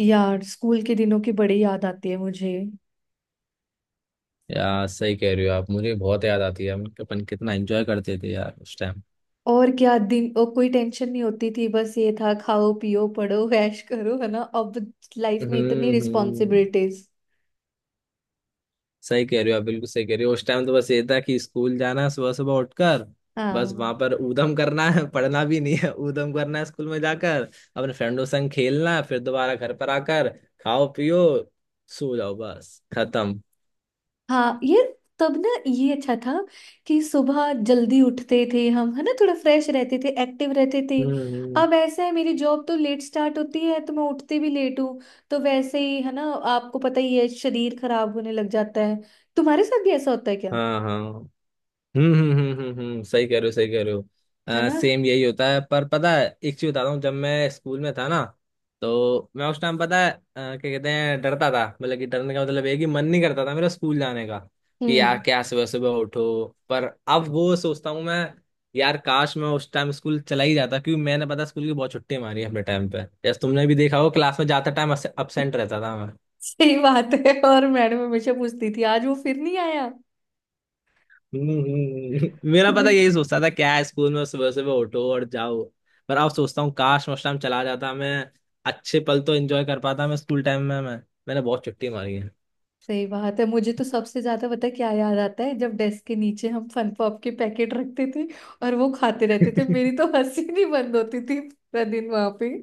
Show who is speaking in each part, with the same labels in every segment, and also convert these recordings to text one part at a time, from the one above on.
Speaker 1: यार स्कूल के दिनों की बड़ी याद आती है मुझे।
Speaker 2: यार सही कह रहे हो आप। मुझे बहुत याद आती है। हम अपन कितना एंजॉय करते थे यार उस टाइम।
Speaker 1: और क्या दिन, और कोई टेंशन नहीं होती थी, बस ये था खाओ पियो पढ़ो ऐश करो, है ना। अब लाइफ में इतनी
Speaker 2: हम्म। हम्म।
Speaker 1: रिस्पॉन्सिबिलिटीज।
Speaker 2: सही कह रहे हो आप, बिल्कुल सही कह रहे हो। उस टाइम तो बस ये था कि स्कूल जाना है सुबह सुबह उठकर, बस
Speaker 1: हाँ
Speaker 2: वहां पर ऊधम करना है। पढ़ना भी नहीं है, ऊधम करना है स्कूल में जाकर, अपने फ्रेंडों संग खेलना है, फिर दोबारा घर पर आकर खाओ पियो सो जाओ, बस खत्म।
Speaker 1: हाँ, ये तब ना ये अच्छा था कि सुबह जल्दी उठते थे हम, है ना, थोड़ा फ्रेश रहते थे, एक्टिव रहते थे।
Speaker 2: हम्म। हम्म।
Speaker 1: अब ऐसा है मेरी जॉब तो लेट स्टार्ट होती है तो मैं उठती भी लेट हूँ। तो वैसे ही है ना। आपको पता ही है, शरीर खराब होने लग जाता है। तुम्हारे साथ भी ऐसा होता है क्या।
Speaker 2: हाँ। हाँ। हम्म। हम्म। हम्म। हम्म। हम्म। सही कह रहे हो, सही कह रहे
Speaker 1: है
Speaker 2: हो,
Speaker 1: ना।
Speaker 2: सेम यही होता है। पर पता है एक चीज बताता हूँ, जब मैं स्कूल में था ना, तो मैं उस टाइम पता है क्या कहते हैं, डरता था। मतलब कि डरने का मतलब ये है कि मन नहीं करता था मेरा स्कूल जाने का कि यार
Speaker 1: हम्म।
Speaker 2: क्या सुबह सुबह उठो। पर अब वो सोचता हूँ मैं, यार काश मैं उस टाइम स्कूल चला ही जाता, क्योंकि मैंने पता स्कूल की बहुत छुट्टी मारी है अपने टाइम पे। जैसे तुमने भी देखा हो, क्लास में जाते टाइम अब्सेंट रहता था।
Speaker 1: सही बात है, और मैडम हमेशा पूछती थी आज वो फिर नहीं आया।
Speaker 2: हम्म। हम्म। हम्म। मेरा पता यही सोचता था क्या है स्कूल में, सुबह सुबह उठो और जाओ। पर अब सोचता हूँ काश उस टाइम चला जाता मैं, अच्छे पल तो एंजॉय कर पाता मैं स्कूल टाइम में। मैं मैंने बहुत छुट्टी मारी है।
Speaker 1: सही बात है, मुझे तो सबसे ज्यादा पता है क्या याद आता है, जब डेस्क के नीचे हम फन पॉप के पैकेट रखते थे। और वो खाते रहते थे, मेरी तो हंसी नहीं बंद होती थी पूरा दिन वहां पे।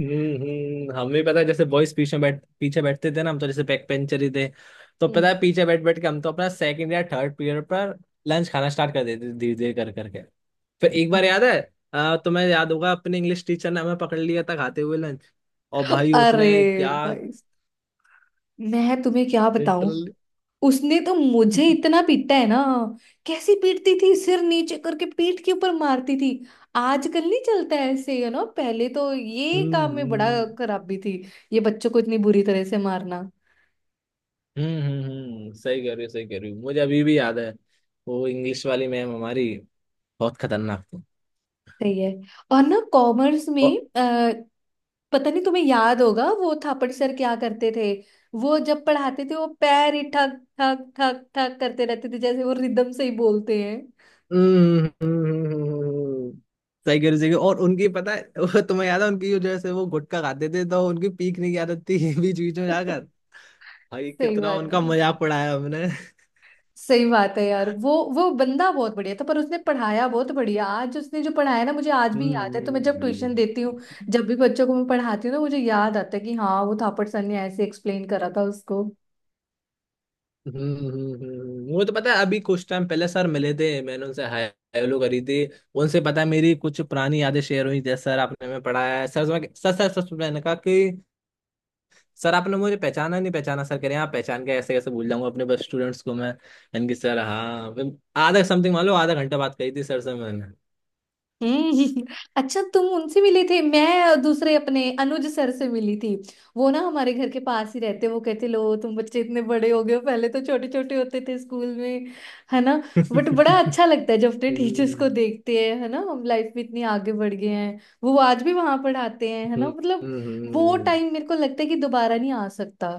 Speaker 2: हम्म। हम्म। हमें पता है जैसे बॉयज पीछे बैठ पीछे बैठते थे ना। हम तो जैसे बैक पेंचर ही थे, तो पता
Speaker 1: हम्म।
Speaker 2: है पीछे बैठ बैठ के हम तो अपना सेकंड या थर्ड पीरियड पर लंच खाना स्टार्ट कर देते थे, धीरे धीरे कर करके। फिर एक
Speaker 1: हाँ।
Speaker 2: बार याद है, तुम्हें याद होगा अपने इंग्लिश टीचर ने हमें पकड़ लिया था खाते हुए लंच। और भाई उसने
Speaker 1: अरे
Speaker 2: क्या,
Speaker 1: भाई, मैं तुम्हें क्या बताऊं।
Speaker 2: लिटरली।
Speaker 1: उसने तो मुझे इतना पीटा है ना। कैसी पीटती थी, सिर नीचे करके पीठ के ऊपर मारती थी। आजकल नहीं चलता है ऐसे, यू नो, पहले तो ये
Speaker 2: हम्म।
Speaker 1: काम में बड़ा
Speaker 2: हम्म।
Speaker 1: खराबी थी। ये बच्चों को इतनी बुरी तरह से मारना।
Speaker 2: हम्म। हम्म। हम्म। सही कह रही हो, सही कह रही हो। मुझे अभी भी याद है वो इंग्लिश वाली मैम हमारी बहुत खतरनाक थी।
Speaker 1: सही है। और ना कॉमर्स में
Speaker 2: और
Speaker 1: पता नहीं तुम्हें याद होगा वो थापड़ सर क्या करते थे। वो जब पढ़ाते थे, वो पैर ही ठक ठक ठक ठक करते रहते थे, जैसे वो रिदम से ही बोलते हैं।
Speaker 2: हम्म। हम्म। हम्म। हम्म। हम्म। हम्म। हम्म। सही कह रही हो, सही कह रही हो। और उनकी पता है, वो तुम्हें याद है उनकी, जो जैसे वो गुटखा खाते थे तो उनकी पीकने की आदत थी बीच बीच में जाकर। भाई
Speaker 1: सही
Speaker 2: कितना
Speaker 1: बात है।
Speaker 2: उनका मजाक उड़ाया हमने।
Speaker 1: सही बात है यार, वो बंदा बहुत बढ़िया था, पर उसने पढ़ाया बहुत बढ़िया, आज उसने जो पढ़ाया ना मुझे आज भी याद है, तो
Speaker 2: हम्म।
Speaker 1: मैं जब ट्यूशन देती हूँ,
Speaker 2: हम्म।
Speaker 1: जब भी बच्चों को मैं पढ़ाती हूँ ना, मुझे याद आता है कि हाँ वो थापड़ सर ने ऐसे एक्सप्लेन करा था उसको।
Speaker 2: हम्म। हम्म। हम्म। वो तो पता है अभी कुछ टाइम पहले सर मिले थे, मैंने उनसे हाय हेलो करी थी। उनसे पता है मेरी कुछ पुरानी यादें शेयर हुई, जैसे सर आपने हमें पढ़ाया है सर, सर सर सर मैंने कहा कि सर आपने मुझे पहचाना नहीं पहचाना? सर कह रहे हैं, आप पहचान के ऐसे कैसे भूल जाऊंगा अपने बस स्टूडेंट्स को मैं, यानी कि सर। हाँ फिर आधा समथिंग मान लो आधा घंटा बात करी थी सर से मैंने।
Speaker 1: हम्म। अच्छा, तुम उनसे मिले थे, मैं दूसरे अपने अनुज सर से मिली थी। वो ना हमारे घर के पास ही रहते, वो कहते लो तुम बच्चे इतने बड़े हो गए हो, पहले तो छोटे छोटे होते थे स्कूल में। है ना। बट बड़ा
Speaker 2: हम्म।
Speaker 1: अच्छा लगता है जब अपने टीचर्स को देखते हैं, है ना, हम लाइफ में इतनी आगे बढ़ गए हैं, वो आज भी वहां पढ़ाते हैं, है
Speaker 2: हम्म।
Speaker 1: ना, मतलब।
Speaker 2: हम्म।
Speaker 1: वो
Speaker 2: हम्म।
Speaker 1: टाइम मेरे को लगता है कि दोबारा नहीं आ सकता।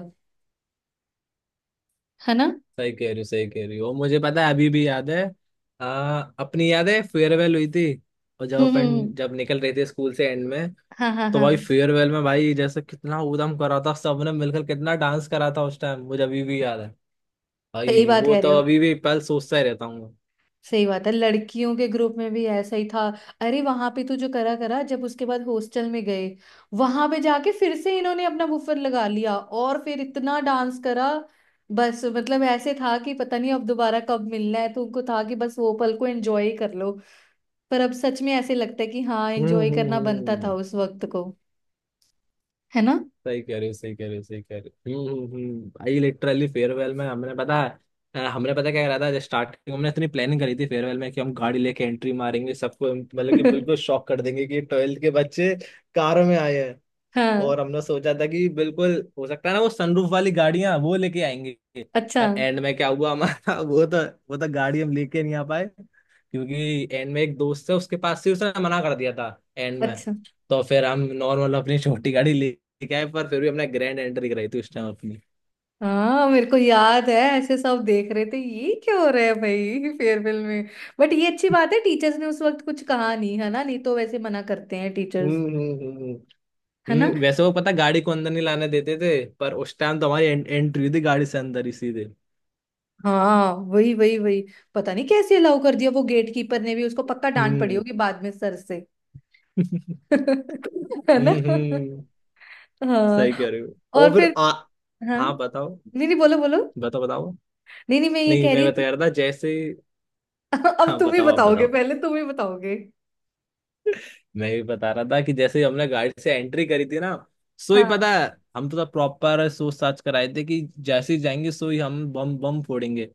Speaker 1: है ना।
Speaker 2: सही कह रही हो, सही कह रही हो। मुझे पता है, अभी भी याद है अपनी याद है फेयरवेल हुई थी, और जब
Speaker 1: हम्म
Speaker 2: अपन
Speaker 1: हम्म,
Speaker 2: जब निकल रहे थे स्कूल से एंड में,
Speaker 1: हाँ हाँ
Speaker 2: तो
Speaker 1: हाँ।
Speaker 2: भाई फेयरवेल में भाई जैसे कितना ऊधम करा था सबने मिलकर, कितना डांस करा था उस टाइम, मुझे अभी भी याद है
Speaker 1: सही
Speaker 2: भाई।
Speaker 1: बात
Speaker 2: वो
Speaker 1: कह रहे
Speaker 2: तो
Speaker 1: हो।
Speaker 2: अभी भी पल सोचता ही रहता हूँ मैं।
Speaker 1: सही बात है, लड़कियों के ग्रुप में भी ऐसा ही था। अरे वहां पे तो जो करा करा, जब उसके बाद हॉस्टल में गए, वहां पे जाके फिर से इन्होंने अपना बुफर लगा लिया, और फिर इतना डांस करा। बस मतलब ऐसे था कि पता नहीं अब दोबारा कब मिलना है, तो उनको था कि बस वो पल को एंजॉय ही कर लो। पर अब सच में ऐसे लगता है कि हाँ,
Speaker 2: हम्म।
Speaker 1: एंजॉय
Speaker 2: हम्म।
Speaker 1: करना बनता
Speaker 2: हम्म।
Speaker 1: था उस वक्त को। है ना।
Speaker 2: सही कह रहे हो, सही कह रहे हो, सही कह रहे हो। हम्म। हम्म। हम्म। भाई लिटरली फेयरवेल में हमने पता, है हमने पता क्या करा था, जब स्टार्टिंग हमने इतनी प्लानिंग करी थी फेयरवेल में कि हम गाड़ी लेके एंट्री मारेंगे सबको, मतलब कि बिल्कुल शॉक कर देंगे कि 12th के बच्चे कार में आए। और
Speaker 1: हाँ
Speaker 2: हमने सोचा था कि बिल्कुल हो सकता है ना वो सनरूफ वाली गाड़ियां वो लेके आएंगे।
Speaker 1: अच्छा
Speaker 2: पर एंड में क्या हुआ हमारा, वो तो गाड़ी हम लेके नहीं आ पाए, क्योंकि एंड में एक दोस्त है उसके पास से उसने मना कर दिया था एंड में।
Speaker 1: अच्छा।
Speaker 2: तो फिर हम नॉर्मल अपनी छोटी गाड़ी लेके आए, पर फिर भी हमने ग्रैंड एंट्री कराई थी उस टाइम अपनी।
Speaker 1: हाँ मेरे को याद है, ऐसे सब देख रहे थे ये क्या हो रहा है भाई फेयरवेल में। बट ये अच्छी बात है टीचर्स ने उस वक्त कुछ कहा नहीं, है ना, नहीं तो वैसे मना करते हैं टीचर्स।
Speaker 2: हम्म। हम्म। हम्म।
Speaker 1: है ना।
Speaker 2: हम्म। वैसे वो पता गाड़ी को अंदर नहीं लाने देते थे, पर उस टाइम तो हमारी एंट्री हुई थी गाड़ी से अंदर ही सीधे।
Speaker 1: हाँ वही वही वही। पता नहीं कैसे अलाउ कर दिया, वो गेट कीपर ने भी, उसको पक्का डांट पड़ी
Speaker 2: हम्म।
Speaker 1: होगी बाद में सर से। है ना।
Speaker 2: हम्म। हम्म। सही
Speaker 1: हाँ
Speaker 2: कह रहे हो। और
Speaker 1: और फिर
Speaker 2: फिर आ
Speaker 1: हाँ,
Speaker 2: हाँ बताओ,
Speaker 1: नहीं नहीं बोलो बोलो।
Speaker 2: बताओ, बताओ,
Speaker 1: नहीं नहीं, मैं ये
Speaker 2: नहीं
Speaker 1: कह
Speaker 2: मैं
Speaker 1: रही
Speaker 2: बता
Speaker 1: थी।
Speaker 2: रहा था जैसे।
Speaker 1: अब
Speaker 2: हाँ
Speaker 1: तुम ही
Speaker 2: बताओ, आप
Speaker 1: बताओगे,
Speaker 2: बताओ।
Speaker 1: पहले तुम ही बताओगे।
Speaker 2: मैं भी बता रहा था कि जैसे ही हमने गाड़ी से एंट्री करी थी ना, सो ही पता
Speaker 1: हाँ
Speaker 2: है, हम तो प्रॉपर सोच साच कर आए थे कि जैसे ही जाएंगे सो ही हम बम बम फोड़ेंगे।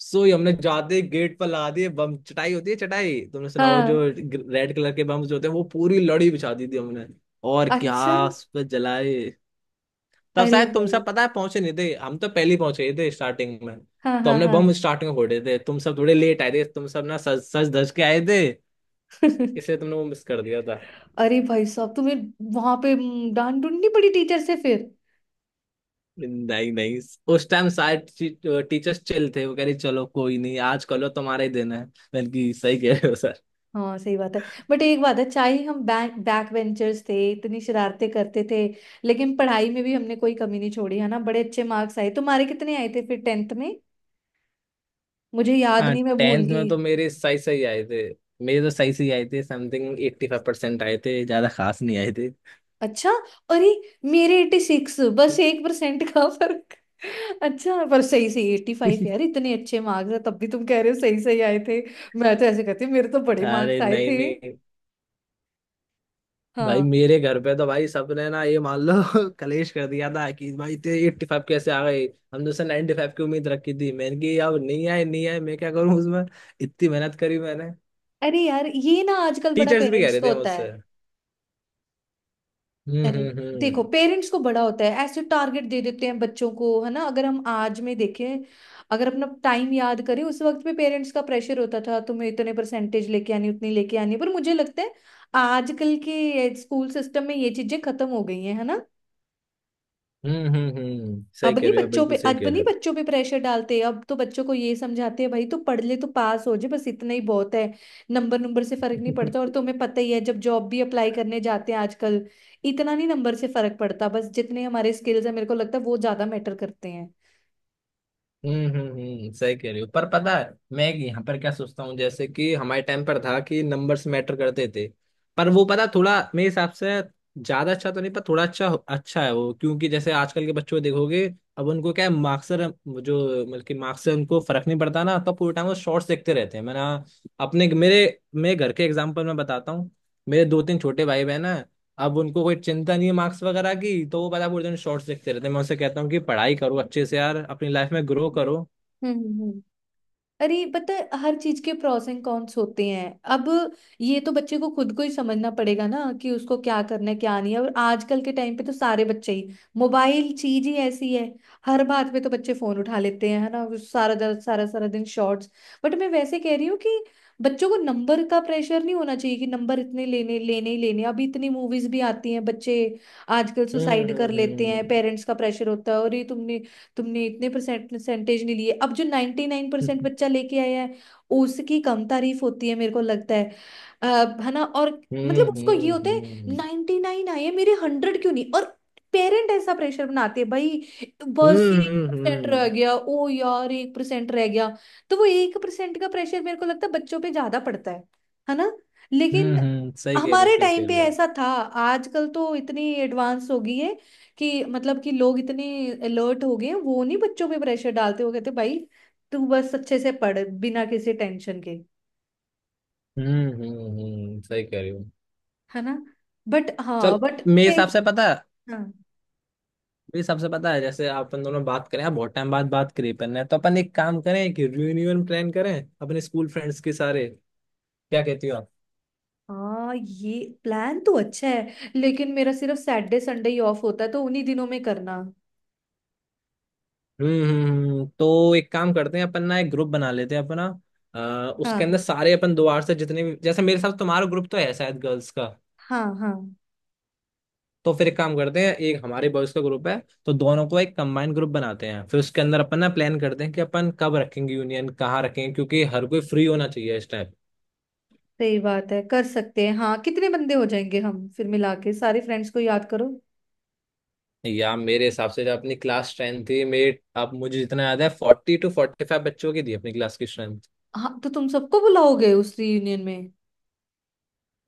Speaker 2: सो ही हमने जाते गेट पर ला दिए बम, चटाई होती है चटाई, तुमने सुना वो जो
Speaker 1: हाँ।
Speaker 2: रेड कलर के बम्स होते हैं, वो पूरी लड़ी बिछा दी थी हमने। और क्या,
Speaker 1: अच्छा,
Speaker 2: उस पे जलाए। तब
Speaker 1: अरे
Speaker 2: शायद तुम
Speaker 1: भाई।
Speaker 2: सब पता है पहुंचे नहीं थे, हम तो पहले ही पहुंचे ही थे स्टार्टिंग में।
Speaker 1: हाँ
Speaker 2: तो
Speaker 1: हाँ
Speaker 2: हमने
Speaker 1: हाँ।
Speaker 2: बम स्टार्टिंग में फोड़े थे, तुम सब थोड़े लेट आए थे, तुम सब ना सज सज धज के आए थे, इसलिए तुमने वो मिस कर दिया था।
Speaker 1: अरे भाई साहब, तुम्हें वहां पे डांट ढूंढनी पड़ी टीचर से फिर।
Speaker 2: नहीं नहीं उस टाइम शायद टीचर्स चिल थे, वो कह रही चलो कोई नहीं, आज कल तुम्हारा ही दिन है, मैंने कि सही कह रहे हो सर।
Speaker 1: हाँ सही बात है। बट एक बात है, चाहे हम बैक बैक बेंचर्स थे, इतनी शरारतें करते थे, लेकिन पढ़ाई में भी हमने कोई कमी नहीं छोड़ी, है ना। बड़े अच्छे मार्क्स आए, तुम्हारे कितने आए थे फिर 10th में। मुझे याद
Speaker 2: हाँ
Speaker 1: नहीं, मैं भूल
Speaker 2: 10th में
Speaker 1: गई।
Speaker 2: तो मेरे सही सही आए थे, मेरे तो सही सही आए थे, समथिंग 85% आए थे, ज्यादा खास नहीं आए थे।
Speaker 1: अच्छा। अरे, मेरे 86, बस 1% का फर्क। अच्छा, पर सही सही 85 यार, इतने अच्छे मार्क्स है, तब भी तुम कह रहे हो सही सही आए थे। मैं तो ऐसे कहती हूँ मेरे तो बड़े मार्क्स
Speaker 2: अरे
Speaker 1: आए
Speaker 2: नहीं
Speaker 1: थे।
Speaker 2: नहीं भाई,
Speaker 1: हाँ।
Speaker 2: मेरे घर पे तो भाई सबने ना ये मान लो कलेश कर दिया था कि भाई तेरे 85 कैसे आ गए। हमने उसे 95 की उम्मीद रखी थी, मैंने कि अब नहीं आए नहीं आए मैं क्या करूं उसमें, इतनी मेहनत करी मैंने,
Speaker 1: अरे यार, ये ना आजकल बड़ा
Speaker 2: टीचर्स भी कह
Speaker 1: पेरेंट्स
Speaker 2: रहे
Speaker 1: का
Speaker 2: थे
Speaker 1: होता
Speaker 2: मुझसे।
Speaker 1: है।
Speaker 2: हम्म।
Speaker 1: अरे
Speaker 2: हम्म। हम्म।
Speaker 1: देखो, पेरेंट्स को बड़ा होता है, ऐसे टारगेट दे देते हैं बच्चों को, है ना। अगर हम आज में देखें, अगर अपना टाइम याद करें, उस वक्त में पेरेंट्स का प्रेशर होता था, तुम्हें इतने परसेंटेज लेके आनी, उतनी लेके आनी। पर मुझे लगता है आजकल के स्कूल सिस्टम में ये चीजें खत्म हो गई हैं, है ना।
Speaker 2: हम्म। हम्म। हम्म। सही
Speaker 1: अब
Speaker 2: कह
Speaker 1: नहीं
Speaker 2: रहे हो आप,
Speaker 1: बच्चों पे,
Speaker 2: बिल्कुल सही
Speaker 1: अब
Speaker 2: कह
Speaker 1: नहीं
Speaker 2: रहे हो।
Speaker 1: बच्चों पे प्रेशर डालते, अब तो बच्चों को ये समझाते हैं भाई तू पढ़ ले, तू पास हो जाए, बस इतना ही बहुत है। नंबर नंबर से फर्क नहीं पड़ता, और तुम्हें पता ही है जब जॉब भी अप्लाई करने जाते हैं आजकल, इतना नहीं नंबर से फर्क पड़ता, बस जितने हमारे स्किल्स है, मेरे को लगता है वो ज्यादा मैटर करते
Speaker 2: हम्म। हम्म। हम्म। सही कह रहे हो। पर पता है मैं यहाँ पर क्या सोचता हूँ, जैसे कि हमारे टाइम पर था कि नंबर्स मैटर करते थे, पर वो पता थोड़ा मेरे हिसाब से ज्यादा अच्छा तो नहीं, पर थोड़ा अच्छा अच्छा है वो, क्योंकि जैसे आजकल के बच्चों को देखोगे, अब उनको क्या है मार्क्स से, जो मतलब कि मार्क्स से उनको फर्क नहीं पड़ता ना। तब पूरे टाइम वो शॉर्ट्स देखते रहते हैं। मैंने अपने मेरे मेरे घर के एग्जाम्पल में बताता हूँ, मेरे दो तीन छोटे भाई बहन है, अब उनको कोई चिंता नहीं है मार्क्स वगैरह की, तो वो पता है पूरे दिन शॉर्ट्स देखते रहते हैं। मैं उनसे कहता हूँ कि पढ़ाई करो अच्छे से यार, अपनी लाइफ में ग्रो करो।
Speaker 1: हैं। अरे पता है, हर चीज के प्रोस एंड कॉन्स होते हैं। अब ये तो बच्चे को खुद को ही समझना पड़ेगा ना, कि उसको क्या करना है क्या नहीं है, और आजकल के टाइम पे तो सारे बच्चे ही, मोबाइल चीज ही ऐसी है, हर बात पे तो बच्चे फोन उठा लेते हैं, है ना, वो सारा सारा दिन शॉर्ट्स। बट मैं वैसे कह रही हूँ कि बच्चों को नंबर का प्रेशर नहीं होना चाहिए, कि नंबर इतने लेने लेने ही लेने। अभी इतनी मूवीज भी आती हैं, बच्चे आजकल
Speaker 2: हम्म।
Speaker 1: सुसाइड कर लेते
Speaker 2: हम्म।
Speaker 1: हैं, पेरेंट्स का प्रेशर होता है, और ये तुमने तुमने इतने परसेंट परसेंटेज नहीं लिए, अब जो 99% बच्चा लेके आया है, उसकी कम तारीफ होती है मेरे को लगता है। अ, है ना। और मतलब
Speaker 2: हम्म।
Speaker 1: उसको ये
Speaker 2: हम्म।
Speaker 1: होता है,
Speaker 2: हम्म।
Speaker 1: 99 आए हैं, मेरे 100 क्यों नहीं, और पेरेंट ऐसा प्रेशर बनाते हैं भाई, बस
Speaker 2: हम्म।
Speaker 1: एक
Speaker 2: हम्म। हम्म।
Speaker 1: परसेंट रह
Speaker 2: हम्म।
Speaker 1: गया, ओ यार 1% रह गया। तो वो 1% का प्रेशर मेरे को लगता है बच्चों पे ज्यादा पड़ता है। है ना। लेकिन
Speaker 2: हम्म। हम्म। सही कह रही हो,
Speaker 1: हमारे
Speaker 2: सही
Speaker 1: टाइम
Speaker 2: कह
Speaker 1: पे
Speaker 2: रही हो।
Speaker 1: ऐसा था, आजकल तो इतनी एडवांस हो गई है कि मतलब कि लोग इतने अलर्ट हो गए हैं, वो नहीं बच्चों पे प्रेशर डालते, वो कहते भाई तू बस अच्छे से पढ़, बिना किसी टेंशन के।
Speaker 2: हम्म। हम्म। हम्म। सही कह रही हूँ।
Speaker 1: है ना। बट हाँ,
Speaker 2: चल
Speaker 1: बट
Speaker 2: मेरे
Speaker 1: खेल।
Speaker 2: हिसाब से पता है,
Speaker 1: हाँ
Speaker 2: मेरे हिसाब से पता है जैसे अपन दोनों बात करें, आप बहुत टाइम बाद बात करी अपन ने, तो अपन एक काम करें कि रियूनियन प्लान करें अपने स्कूल फ्रेंड्स के सारे। क्या कहती हो?
Speaker 1: हाँ, ये प्लान तो अच्छा है, लेकिन मेरा सिर्फ सैटरडे संडे ही ऑफ होता है, तो उन्हीं दिनों में करना।
Speaker 2: हम्म। हम्म। हम्म। तो एक काम करते हैं अपन ना एक ग्रुप बना लेते हैं अपना, अ, उसके
Speaker 1: हाँ
Speaker 2: अंदर सारे अपन दोबार से, जितने भी जैसे मेरे साथ, तुम्हारा ग्रुप तो है शायद गर्ल्स का,
Speaker 1: हाँ हाँ
Speaker 2: तो फिर एक काम करते हैं, एक हमारे बॉयज का ग्रुप है, तो दोनों को एक कंबाइंड ग्रुप बनाते हैं। फिर उसके अंदर अपन ना प्लान करते हैं कि अपन कब रखेंगे यूनियन, कहाँ रखेंगे, क्योंकि हर कोई फ्री होना चाहिए इस टाइम।
Speaker 1: सही बात है, कर सकते हैं। हाँ कितने बंदे हो जाएंगे हम फिर मिला के, सारे फ्रेंड्स को याद करो।
Speaker 2: या मेरे हिसाब से जो अपनी क्लास स्ट्रेंथ थी, मेरे अब मुझे जितना याद है 42 45 बच्चों की थी अपनी क्लास की स्ट्रेंथ।
Speaker 1: हाँ तो तुम सबको बुलाओगे उस रियूनियन में।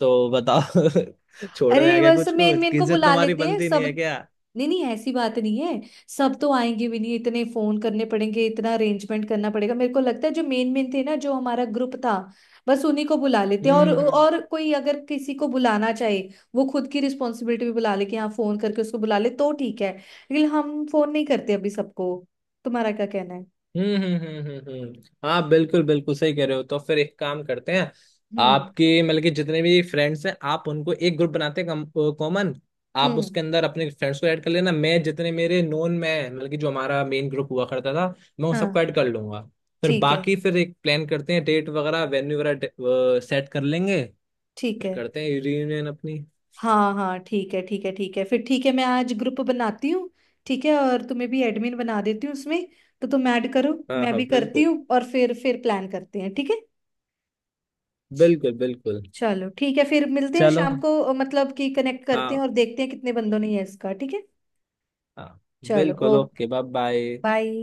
Speaker 2: तो बताओ। छोड़ने आ
Speaker 1: अरे
Speaker 2: गया
Speaker 1: बस
Speaker 2: कुछ
Speaker 1: मेन
Speaker 2: कुछ
Speaker 1: मेन को
Speaker 2: किज्जत
Speaker 1: बुला
Speaker 2: तुम्हारी
Speaker 1: लेते हैं
Speaker 2: बनती नहीं
Speaker 1: सब।
Speaker 2: है क्या?
Speaker 1: नहीं नहीं ऐसी बात नहीं है। सब तो आएंगे भी नहीं, इतने फोन करने पड़ेंगे, इतना अरेंजमेंट करना पड़ेगा। मेरे को लगता है जो मेन मेन थे ना, जो हमारा ग्रुप था, बस उन्हीं को बुला लेते हैं, और
Speaker 2: हम्म। हम्म।
Speaker 1: और कोई अगर किसी को बुलाना चाहे, वो खुद की रिस्पॉन्सिबिलिटी भी बुला ले, कि हाँ फोन करके उसको बुला ले तो ठीक है। लेकिन हम फोन नहीं करते अभी सबको। तुम्हारा क्या कहना है।
Speaker 2: हम्म। हम्म। हम्म। हम्म। हम्म। हम्म। हाँ बिल्कुल बिल्कुल, सही कह रहे हो, तो फिर एक काम करते हैं
Speaker 1: हम्म
Speaker 2: आपके, मतलब कि जितने भी फ्रेंड्स हैं आप उनको एक ग्रुप बनाते हैं कॉमन, आप
Speaker 1: हम्म,
Speaker 2: उसके अंदर अपने फ्रेंड्स को ऐड कर लेना, मैं जितने मेरे नोन में हैं, मतलब कि जो हमारा मेन ग्रुप हुआ करता था मैं उन
Speaker 1: हाँ
Speaker 2: सबको ऐड कर लूंगा। फिर
Speaker 1: ठीक है
Speaker 2: बाकी फिर एक प्लान करते हैं, डेट वगैरह वेन्यू वगैरह सेट कर लेंगे,
Speaker 1: ठीक
Speaker 2: फिर
Speaker 1: है।
Speaker 2: करते हैं रियूनियन अपनी।
Speaker 1: हाँ हाँ ठीक है ठीक है ठीक है, फिर ठीक है, मैं आज ग्रुप बनाती हूँ। ठीक है, और तुम्हें भी एडमिन बना देती हूँ उसमें, तो तुम ऐड करो,
Speaker 2: हाँ
Speaker 1: मैं
Speaker 2: हाँ
Speaker 1: भी करती
Speaker 2: बिल्कुल
Speaker 1: हूँ, और फिर प्लान करते हैं, ठीक है।
Speaker 2: बिल्कुल। बिल्कुल।
Speaker 1: चलो ठीक है, फिर मिलते हैं
Speaker 2: चलो।
Speaker 1: शाम को, मतलब कि कनेक्ट करते हैं
Speaker 2: हाँ।
Speaker 1: और देखते हैं कितने बंदों ने यस कहा, ठीक है।
Speaker 2: हाँ।
Speaker 1: चलो
Speaker 2: बिल्कुल,
Speaker 1: okay
Speaker 2: okay, bye bye.
Speaker 1: Bye.